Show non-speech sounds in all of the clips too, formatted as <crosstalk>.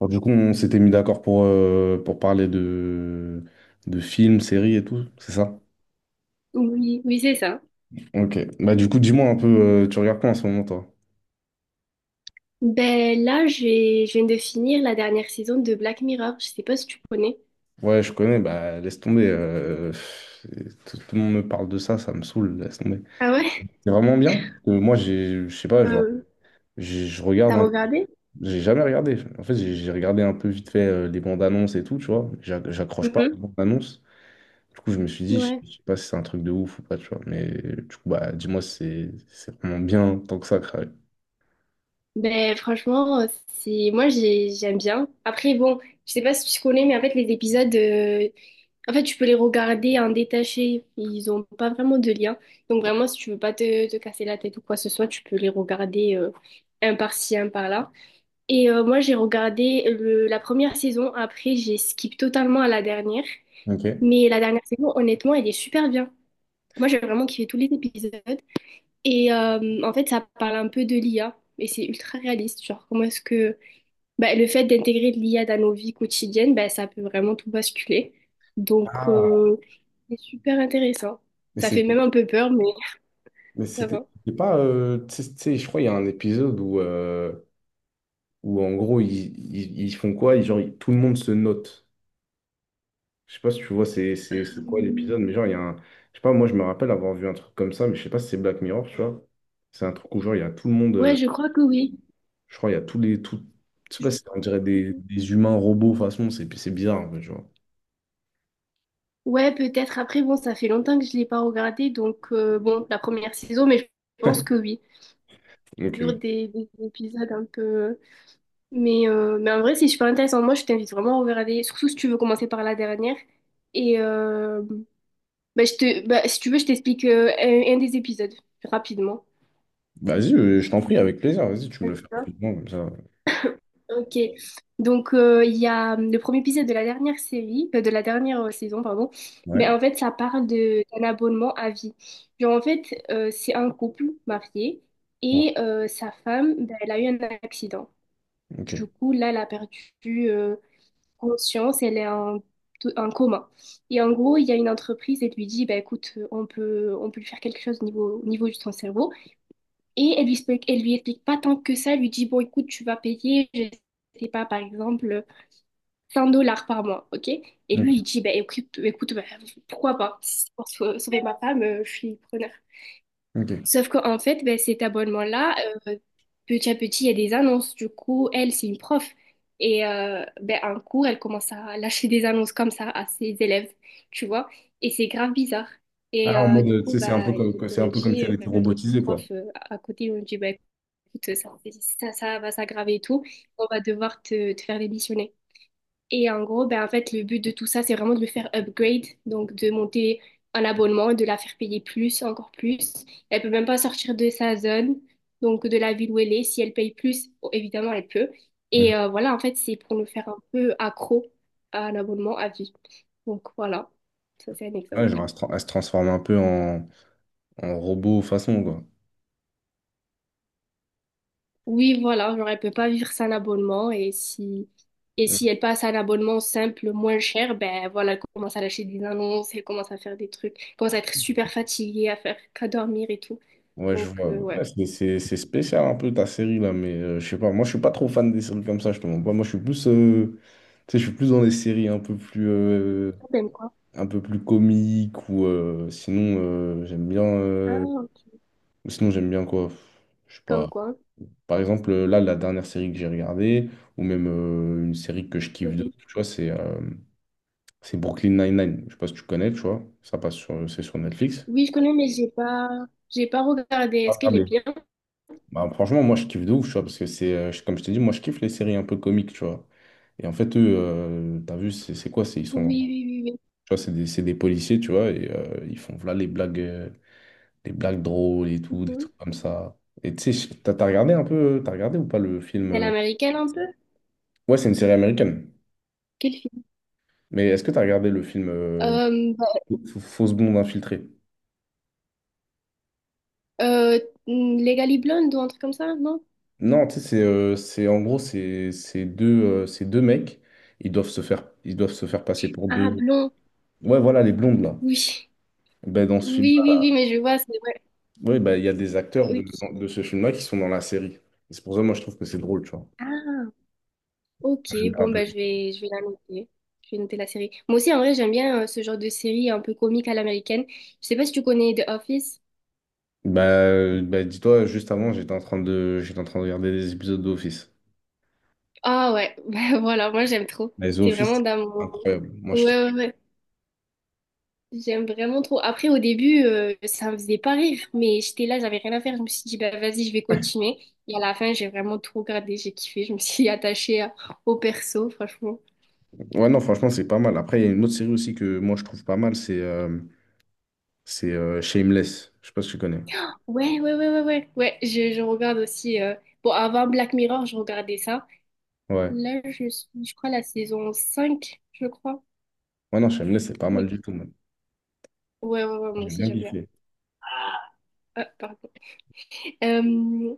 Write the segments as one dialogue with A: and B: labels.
A: Alors, du coup, on s'était mis d'accord pour parler de films, séries et tout, c'est ça?
B: Oui, oui, c'est ça.
A: Ok. Bah, du coup, dis-moi un peu, tu regardes quoi en ce moment, toi?
B: Ben là, je viens de finir la dernière saison de Black Mirror. Je sais pas si tu connais.
A: Ouais, je connais, bah, laisse tomber. Tout le monde me parle de ça, ça me saoule, laisse tomber.
B: Ah ouais?
A: C'est vraiment bien. Moi, je sais pas, genre,
B: Euh,
A: je regarde
B: T'as
A: un.
B: regardé?
A: J'ai jamais regardé. En fait, j'ai regardé un peu vite fait les bandes annonces et tout, tu vois. J'accroche pas aux
B: Mhm.
A: bandes annonces. Du coup, je me suis dit,
B: Ouais.
A: je sais pas si c'est un truc de ouf ou pas, tu vois. Mais du coup, bah, dis-moi, si c'est vraiment bien tant que ça, Cry.
B: Ben franchement, c'est moi, j'aime bien. Après bon, je sais pas si tu connais, mais en fait les épisodes, en fait tu peux les regarder en détaché. Ils ont pas vraiment de lien. Donc vraiment, si tu veux pas te casser la tête ou quoi que ce soit, tu peux les regarder un par-ci, un par-là. Et moi, j'ai regardé la première saison. Après, j'ai skip totalement à la dernière.
A: Ok.
B: Mais la dernière saison, honnêtement, elle est super bien. Moi, j'ai vraiment kiffé tous les épisodes. Et en fait, ça parle un peu de l'IA. Et c'est ultra réaliste. Genre, comment est-ce que bah, le fait d'intégrer de l'IA dans nos vies quotidiennes, bah, ça peut vraiment tout basculer. Donc,
A: Ah,
B: c'est super intéressant.
A: mais
B: Ça
A: c'est-
B: fait même un peu peur, mais
A: mais
B: <laughs> ça
A: c'était
B: va.
A: c'était pas. Tu sais, je crois qu'il y a un épisode où, où en gros, ils font quoi? Tout le monde se note. Je sais pas si tu vois, c'est quoi
B: Euh,
A: l'épisode, mais genre, il y a un. Je sais pas, moi, je me rappelle avoir vu un truc comme ça, mais je sais pas si c'est Black Mirror, tu vois. C'est un truc où, genre, il y a tout le monde.
B: ouais, je crois que oui.
A: Je crois, il y a tous les. Tout, je sais pas, on dirait des humains robots, façon, c'est bizarre, en fait, tu vois.
B: Ouais, peut-être. Après, bon, ça fait longtemps que je l'ai pas regardé, donc bon, la première saison, mais je pense que oui.
A: Ok.
B: Toujours des épisodes un peu. Mais, en vrai, c'est super intéressant. Moi, je t'invite vraiment à regarder, surtout si tu veux commencer par la dernière. Et bah, si tu veux, je t'explique un des épisodes rapidement.
A: Vas-y, je t'en prie, avec plaisir. Vas-y, tu me le fais rapidement, comme ça.
B: Ok, donc il y a le premier épisode de la dernière série, de la dernière saison, pardon. Mais
A: Ouais.
B: en fait, ça parle de d'un abonnement à vie. Genre en fait, c'est un couple marié
A: Ouais.
B: et sa femme, ben, elle a eu un accident.
A: Ok.
B: Du coup, là, elle a perdu conscience, elle est en coma. Et en gros, il y a une entreprise, elle lui dit, bah, écoute, on peut lui faire quelque chose au niveau de son cerveau. Et elle lui explique pas tant que ça, elle lui dit, bon, écoute, tu vas payer, je sais pas, par exemple, 100 dollars par mois, ok? Et lui, il
A: Ok.
B: dit, bah, écoute bah, pourquoi pas? Si c'est pour sauver ma femme, je suis preneur.
A: Ok.
B: Sauf qu'en fait, bah, cet abonnement-là, euh, petit à petit, il y a des annonces. Du coup, elle, c'est une prof. Et ben, un cours, elle commence à lâcher des annonces comme ça à ses élèves, tu vois? Et c'est grave bizarre. Et
A: Ah, en mode,
B: du
A: tu
B: coup,
A: sais,
B: bah,
A: c'est un peu comme si elle était
B: les
A: robotisée, quoi.
B: profs à côté, ils ont dit, bah, écoute, ça va s'aggraver et tout. On va devoir te faire démissionner. Et en gros, ben, en fait, le but de tout ça, c'est vraiment de le faire upgrade, donc de monter un abonnement, de la faire payer plus, encore plus. Elle peut même pas sortir de sa zone, donc de la ville où elle est. Si elle paye plus, oh, évidemment, elle peut.
A: Mhm.
B: Et voilà, en fait, c'est pour nous faire un peu accro à un abonnement à vie. Donc voilà, ça c'est un
A: Ouais, genre,
B: exemple.
A: elle se transforme un peu en, en robot façon, quoi.
B: Oui, voilà, genre elle peut pas vivre sans abonnement, et si
A: Mhm.
B: elle passe à un abonnement simple, moins cher, ben voilà, elle commence à lâcher des annonces, elle commence à faire des trucs, elle commence à être super fatiguée, à faire qu'à dormir et tout.
A: Ouais, je
B: Donc
A: vois. Ouais,
B: ouais.
A: c'est spécial un peu ta série, là, mais je sais pas. Moi, je suis pas trop fan des séries comme ça, je te mens pas. Moi, je suis plus, tu sais, je suis plus dans les séries
B: Comme quoi?
A: un peu plus comiques ou sinon, j'aime bien.
B: Ah, ok.
A: Sinon, j'aime bien quoi? Je sais
B: Comme
A: pas.
B: quoi?
A: Par exemple, là, la dernière série que j'ai regardée, ou même une série que je kiffe de,
B: Mhm.
A: tu vois, c'est Brooklyn Nine-Nine. Je sais pas si tu connais, tu vois. Ça passe sur, c'est sur Netflix.
B: Oui, je connais, mais j'ai pas regardé. Est-ce
A: Ah, ah,
B: qu'elle est
A: mais-
B: bien?
A: Bah, franchement, moi, je kiffe de ouf, tu vois, parce que c'est, comme je t'ai dit, moi, je kiffe les séries un peu comiques, tu vois. Et en fait, eux, t'as vu, c'est quoi? C'est, ils
B: Oui,
A: sont, tu
B: oui, oui,
A: vois, c'est des policiers, tu vois, et ils font, voilà, les blagues drôles et
B: oui.
A: tout, des
B: Mhm.
A: trucs comme ça. Et tu sais, t'as regardé un peu, t'as regardé ou pas le film?
B: Elle est américaine un peu?
A: Ouais, c'est une série américaine.
B: Quel film?
A: Mais est-ce que tu as regardé le film
B: Bah,
A: Fausse blonde infiltrée?
B: euh, Legally Blonde ou un truc comme ça, non?
A: Non, tu sais, en gros, c'est deux mecs, ils doivent se faire passer pour
B: Ah,
A: deux.
B: blond.
A: Ouais, voilà, les blondes, là.
B: Oui.
A: Ben, dans ce
B: Oui, oui,
A: film-là,
B: oui, mais je vois, c'est vrai.
A: ouais, ben, il y a des acteurs
B: Ok.
A: de ce film-là qui sont dans la série. Et c'est pour ça, moi, je trouve que c'est drôle, tu vois. Moi,
B: Ah, ok.
A: j'aime bien un
B: Bon,
A: peu.
B: bah, je vais la noter. Je vais noter la série. Moi aussi, en vrai, j'aime bien ce genre de série un peu comique à l'américaine. Je sais pas si tu connais The Office.
A: Bah, bah, dis-toi, juste avant, j'étais en train de regarder des épisodes d'Office.
B: Ah ouais, <laughs> bah, voilà, moi j'aime trop.
A: Les
B: C'est
A: Office,
B: vraiment
A: c'est
B: dans mon...
A: incroyable. Moi, je kiffe.
B: Ouais, ouais, ouais. J'aime vraiment trop. Après, au début, ça me faisait pas rire, mais j'étais là, j'avais rien à faire. Je me suis dit, bah vas-y, je vais continuer. Et à la fin, j'ai vraiment tout regardé, j'ai kiffé. Je me suis <laughs> attachée au perso, franchement.
A: Ouais, non, franchement, c'est pas mal. Après, il y a une autre série aussi que moi, je trouve pas mal, c'est Shameless. Je sais pas si tu connais.
B: Ouais, ouais, ouais, ouais, ouais. Ouais, je regarde aussi. Bon, avant Black Mirror, je regardais ça.
A: Ouais.
B: Là, je suis, je crois, la saison 5 je crois.
A: Ouais, non, Shameless, c'est pas mal du
B: Mais...
A: tout, même.
B: Ouais, ouais, ouais, moi
A: J'ai
B: aussi,
A: bien
B: j'aime bien.
A: kiffé.
B: Ah, pardon. Euh,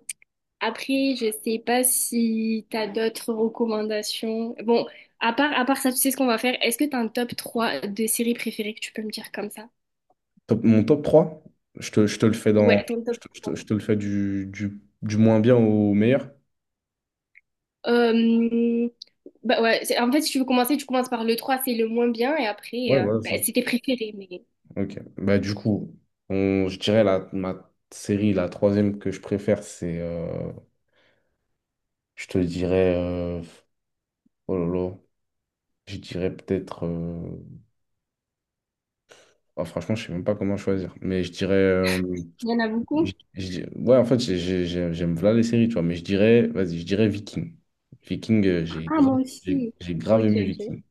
B: Après, je sais pas si t'as d'autres recommandations. Bon, à part ça, tu sais ce qu'on va faire. Est-ce que t'as un top 3 de séries préférées que tu peux me dire comme ça?
A: Top, mon top 3 je te le fais dans.
B: Ouais, ton
A: Je
B: top
A: te, je te-
B: trois
A: je te le fais du, du moins bien au meilleur.
B: Euh, Bah ouais, en fait, si tu veux commencer, tu commences par le trois, c'est le moins bien, et après,
A: Ouais, voilà
B: bah,
A: ça.
B: c'est tes préférés, mais...
A: Ok. Bah, du coup, je dirais ma série, la troisième que je préfère, c'est. Je te dirais. Oh là là. Je dirais peut-être. Ah, franchement, je sais même pas comment choisir. Mais je dirais.
B: Il y en a beaucoup?
A: Ouais, en fait, j'aime voilà les séries, tu vois, mais je dirais, vas-y, je dirais Viking. Viking,
B: Ah, moi aussi.
A: j'ai grave
B: Ok,
A: aimé
B: ok.
A: Viking.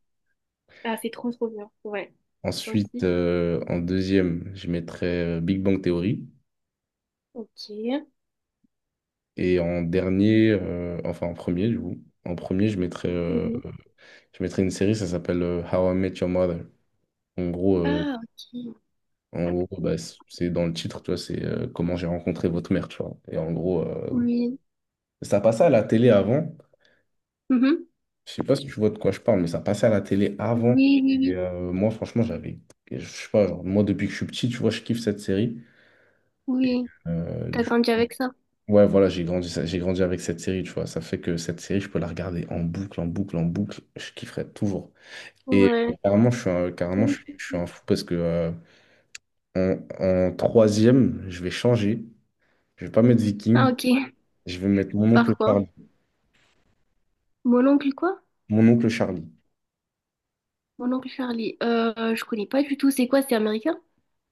B: Ah, c'est trop, trop bien. Ouais.
A: Ensuite,
B: Ensuite,
A: en deuxième, je mettrais Big Bang Theory.
B: ok.
A: Et en dernier, enfin en premier, du coup, en premier, je mettrais,
B: Mhm.
A: une série, ça s'appelle How I Met Your Mother. En gros, euh,
B: Ah, ok.
A: en gros, c'est dans le titre, tu vois, c'est comment j'ai rencontré votre mère, tu vois. Et en gros,
B: Oui.
A: ça passait à la télé avant.
B: Mhm.
A: Je sais pas si tu vois de quoi je parle, mais ça passait à la télé avant.
B: Oui, oui,
A: Et
B: oui.
A: moi, franchement, j'avais. Je sais pas, genre, moi, depuis que je suis petit, tu vois, je kiffe cette série.
B: Oui. T'as
A: Du
B: grandi
A: coup,
B: avec ça?
A: ouais, voilà, j'ai grandi avec cette série, tu vois. Ça fait que cette série, je peux la regarder en boucle, en boucle, en boucle. Je kifferais toujours. Et
B: Ouais.
A: carrément, carrément,
B: Ok.
A: je suis un fou parce que en troisième, je vais changer. Je vais pas mettre
B: Ah,
A: Viking.
B: ok.
A: Je vais mettre mon oncle
B: Par quoi?
A: Charlie.
B: Mon oncle quoi?
A: Mon oncle Charlie.
B: Mon oncle Charlie. Je connais pas du tout. C'est quoi? C'est américain?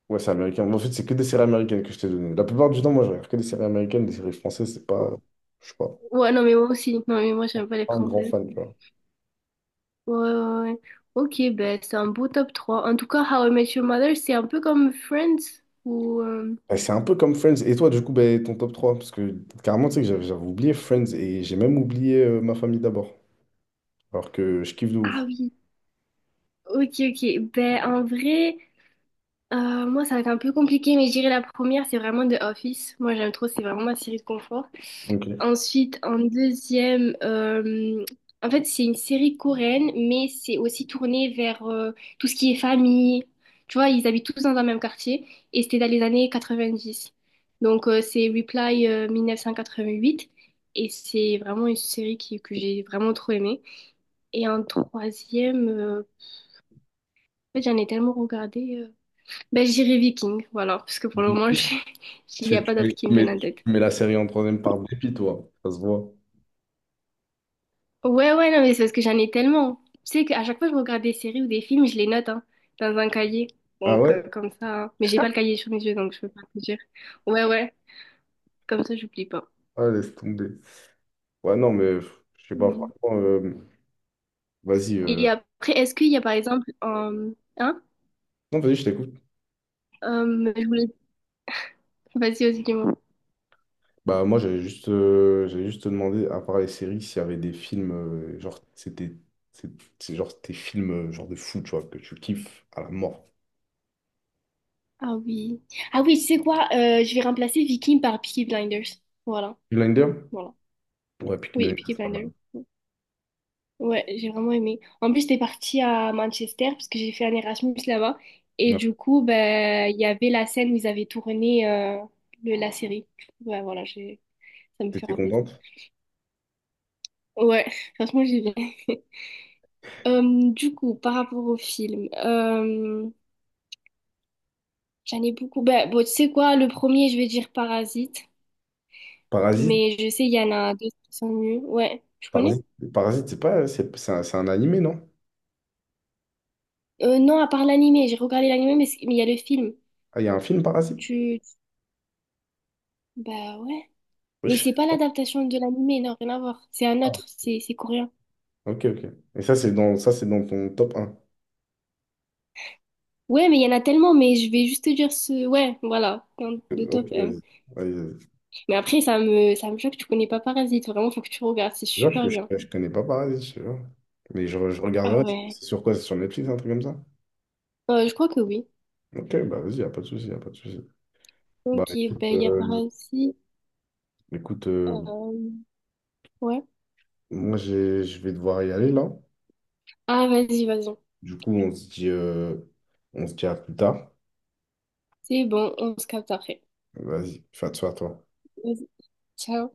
A: Ouais, c'est américain. Mais en fait, c'est que des séries américaines que je t'ai données. La plupart du temps, moi, je regarde que des séries américaines, des séries françaises, c'est pas.
B: Oh,
A: Je sais pas.
B: ouais, non, mais moi aussi. Non, mais moi, j'aime pas les
A: Un grand
B: françaises.
A: fan, tu vois.
B: Ouais, ouais, ouais. Ok, ben, c'est un beau top 3. En tout cas, How I Met Your Mother, c'est un peu comme Friends ou...
A: Et c'est un peu comme Friends. Et toi, du coup, ben, ton top trois? Parce que carrément, tu sais que j'avais oublié Friends et j'ai même oublié ma famille d'abord. Alors que je kiffe de ouf.
B: Ah oui, ok, ok. Ben, en vrai, moi, ça va être un peu compliqué, mais je dirais la première, c'est vraiment The Office. Moi, j'aime trop, c'est vraiment ma série de confort.
A: Ok.
B: Ensuite, en deuxième, en fait, c'est une série coréenne, mais c'est aussi tourné vers tout ce qui est famille. Tu vois, ils habitent tous dans un même quartier, et c'était dans les années 90. Donc, c'est Reply 1988, et c'est vraiment une série que j'ai vraiment trop aimée. Et en troisième, en fait, j'en ai tellement regardé. Ben, j'irai Viking, voilà, parce que pour le moment, <laughs> il n'y a
A: Tu,
B: pas d'autres qui me viennent en
A: tu
B: tête.
A: mets la série en troisième par dépit, toi. Ça se voit.
B: Ouais, ouais, non, mais c'est parce que j'en ai tellement. Tu sais qu'à chaque fois que je regarde des séries ou des films, je les note hein, dans un cahier.
A: Ah
B: Donc,
A: ouais?
B: comme ça. Hein. Mais j'ai pas le cahier sur mes yeux, donc je peux pas te dire. Ouais, ouais, comme ça, j'oublie pas.
A: Ah, laisse tomber. Ouais, non, mais pff, je sais pas,
B: Oui.
A: franchement. Vas-y.
B: Et après, est-ce qu'il y a par exemple. Hein?
A: Non, vas-y, je t'écoute.
B: Je voulais. Vas-y, vas-y, dis-moi.
A: Bah moi j'avais juste demandé à part les séries s'il y avait des films genre c'est c'est genre tes films genre de fou tu vois que tu kiffes à la mort.
B: Ah oui. Ah oui, tu sais quoi? Je vais remplacer Viking par Peaky Blinders. Voilà,
A: Blinder?
B: voilà.
A: Ouais, Peaky
B: Oui,
A: Blinders,
B: Peaky
A: c'est pas mal.
B: Blinders. Ouais, j'ai vraiment aimé. En plus, j'étais partie à Manchester parce que j'ai fait un Erasmus là-bas. Et
A: Ouais.
B: du coup, ben, il y avait la scène où ils avaient tourné la série. Ouais, voilà, j'ai... Ça me fait
A: T'étais
B: rappeler ça.
A: contente?
B: Ouais, <laughs> franchement, j'ai bien. <laughs> Euh, du coup, par rapport au film, j'en ai beaucoup. Ben, bon, tu sais quoi, le premier, je vais dire Parasite,
A: Parasite?
B: mais je sais, il y en a d'autres qui sont mieux. Ouais, tu connais?
A: Parasite, Parasite, c'est pas c'est un, c'est un animé non?
B: Non, à part l'animé, j'ai regardé l'animé, mais mais il y a le film.
A: Ah il y a un film Parasite?
B: Tu. Bah ouais.
A: Ouais, je
B: Mais
A: sais
B: c'est pas l'adaptation de l'animé non, rien à voir. C'est un
A: pas.
B: autre, c'est coréen.
A: Ok ok. Et ça c'est dans ton top un?
B: Ouais, mais il y en a tellement, mais je vais juste te dire ce... Ouais, voilà, dans le top
A: Ok
B: 1.
A: vas-y. Vas-y.
B: Mais après, ça me choque, tu connais pas Parasite. Vraiment, faut que tu regardes, c'est
A: Genre,
B: super bien.
A: je connais pas Parasite, je sais pas. Mais je
B: Ah
A: regarderai.
B: ouais.
A: C'est sur quoi? C'est sur Netflix un truc comme ça?
B: Je crois que oui.
A: Ok, bah vas-y, y a pas de souci, y a pas de souci. Bah
B: Ok,
A: écoute,
B: ben il y a Parasite.
A: écoute euh,
B: euh, ouais.
A: moi je vais devoir y aller là.
B: Ah, vas-y, vas-y.
A: Du coup, on se dit, à plus tard.
B: C'est bon, on se capte après.
A: Vas-y, fais attention toi.
B: Vas-y, ciao.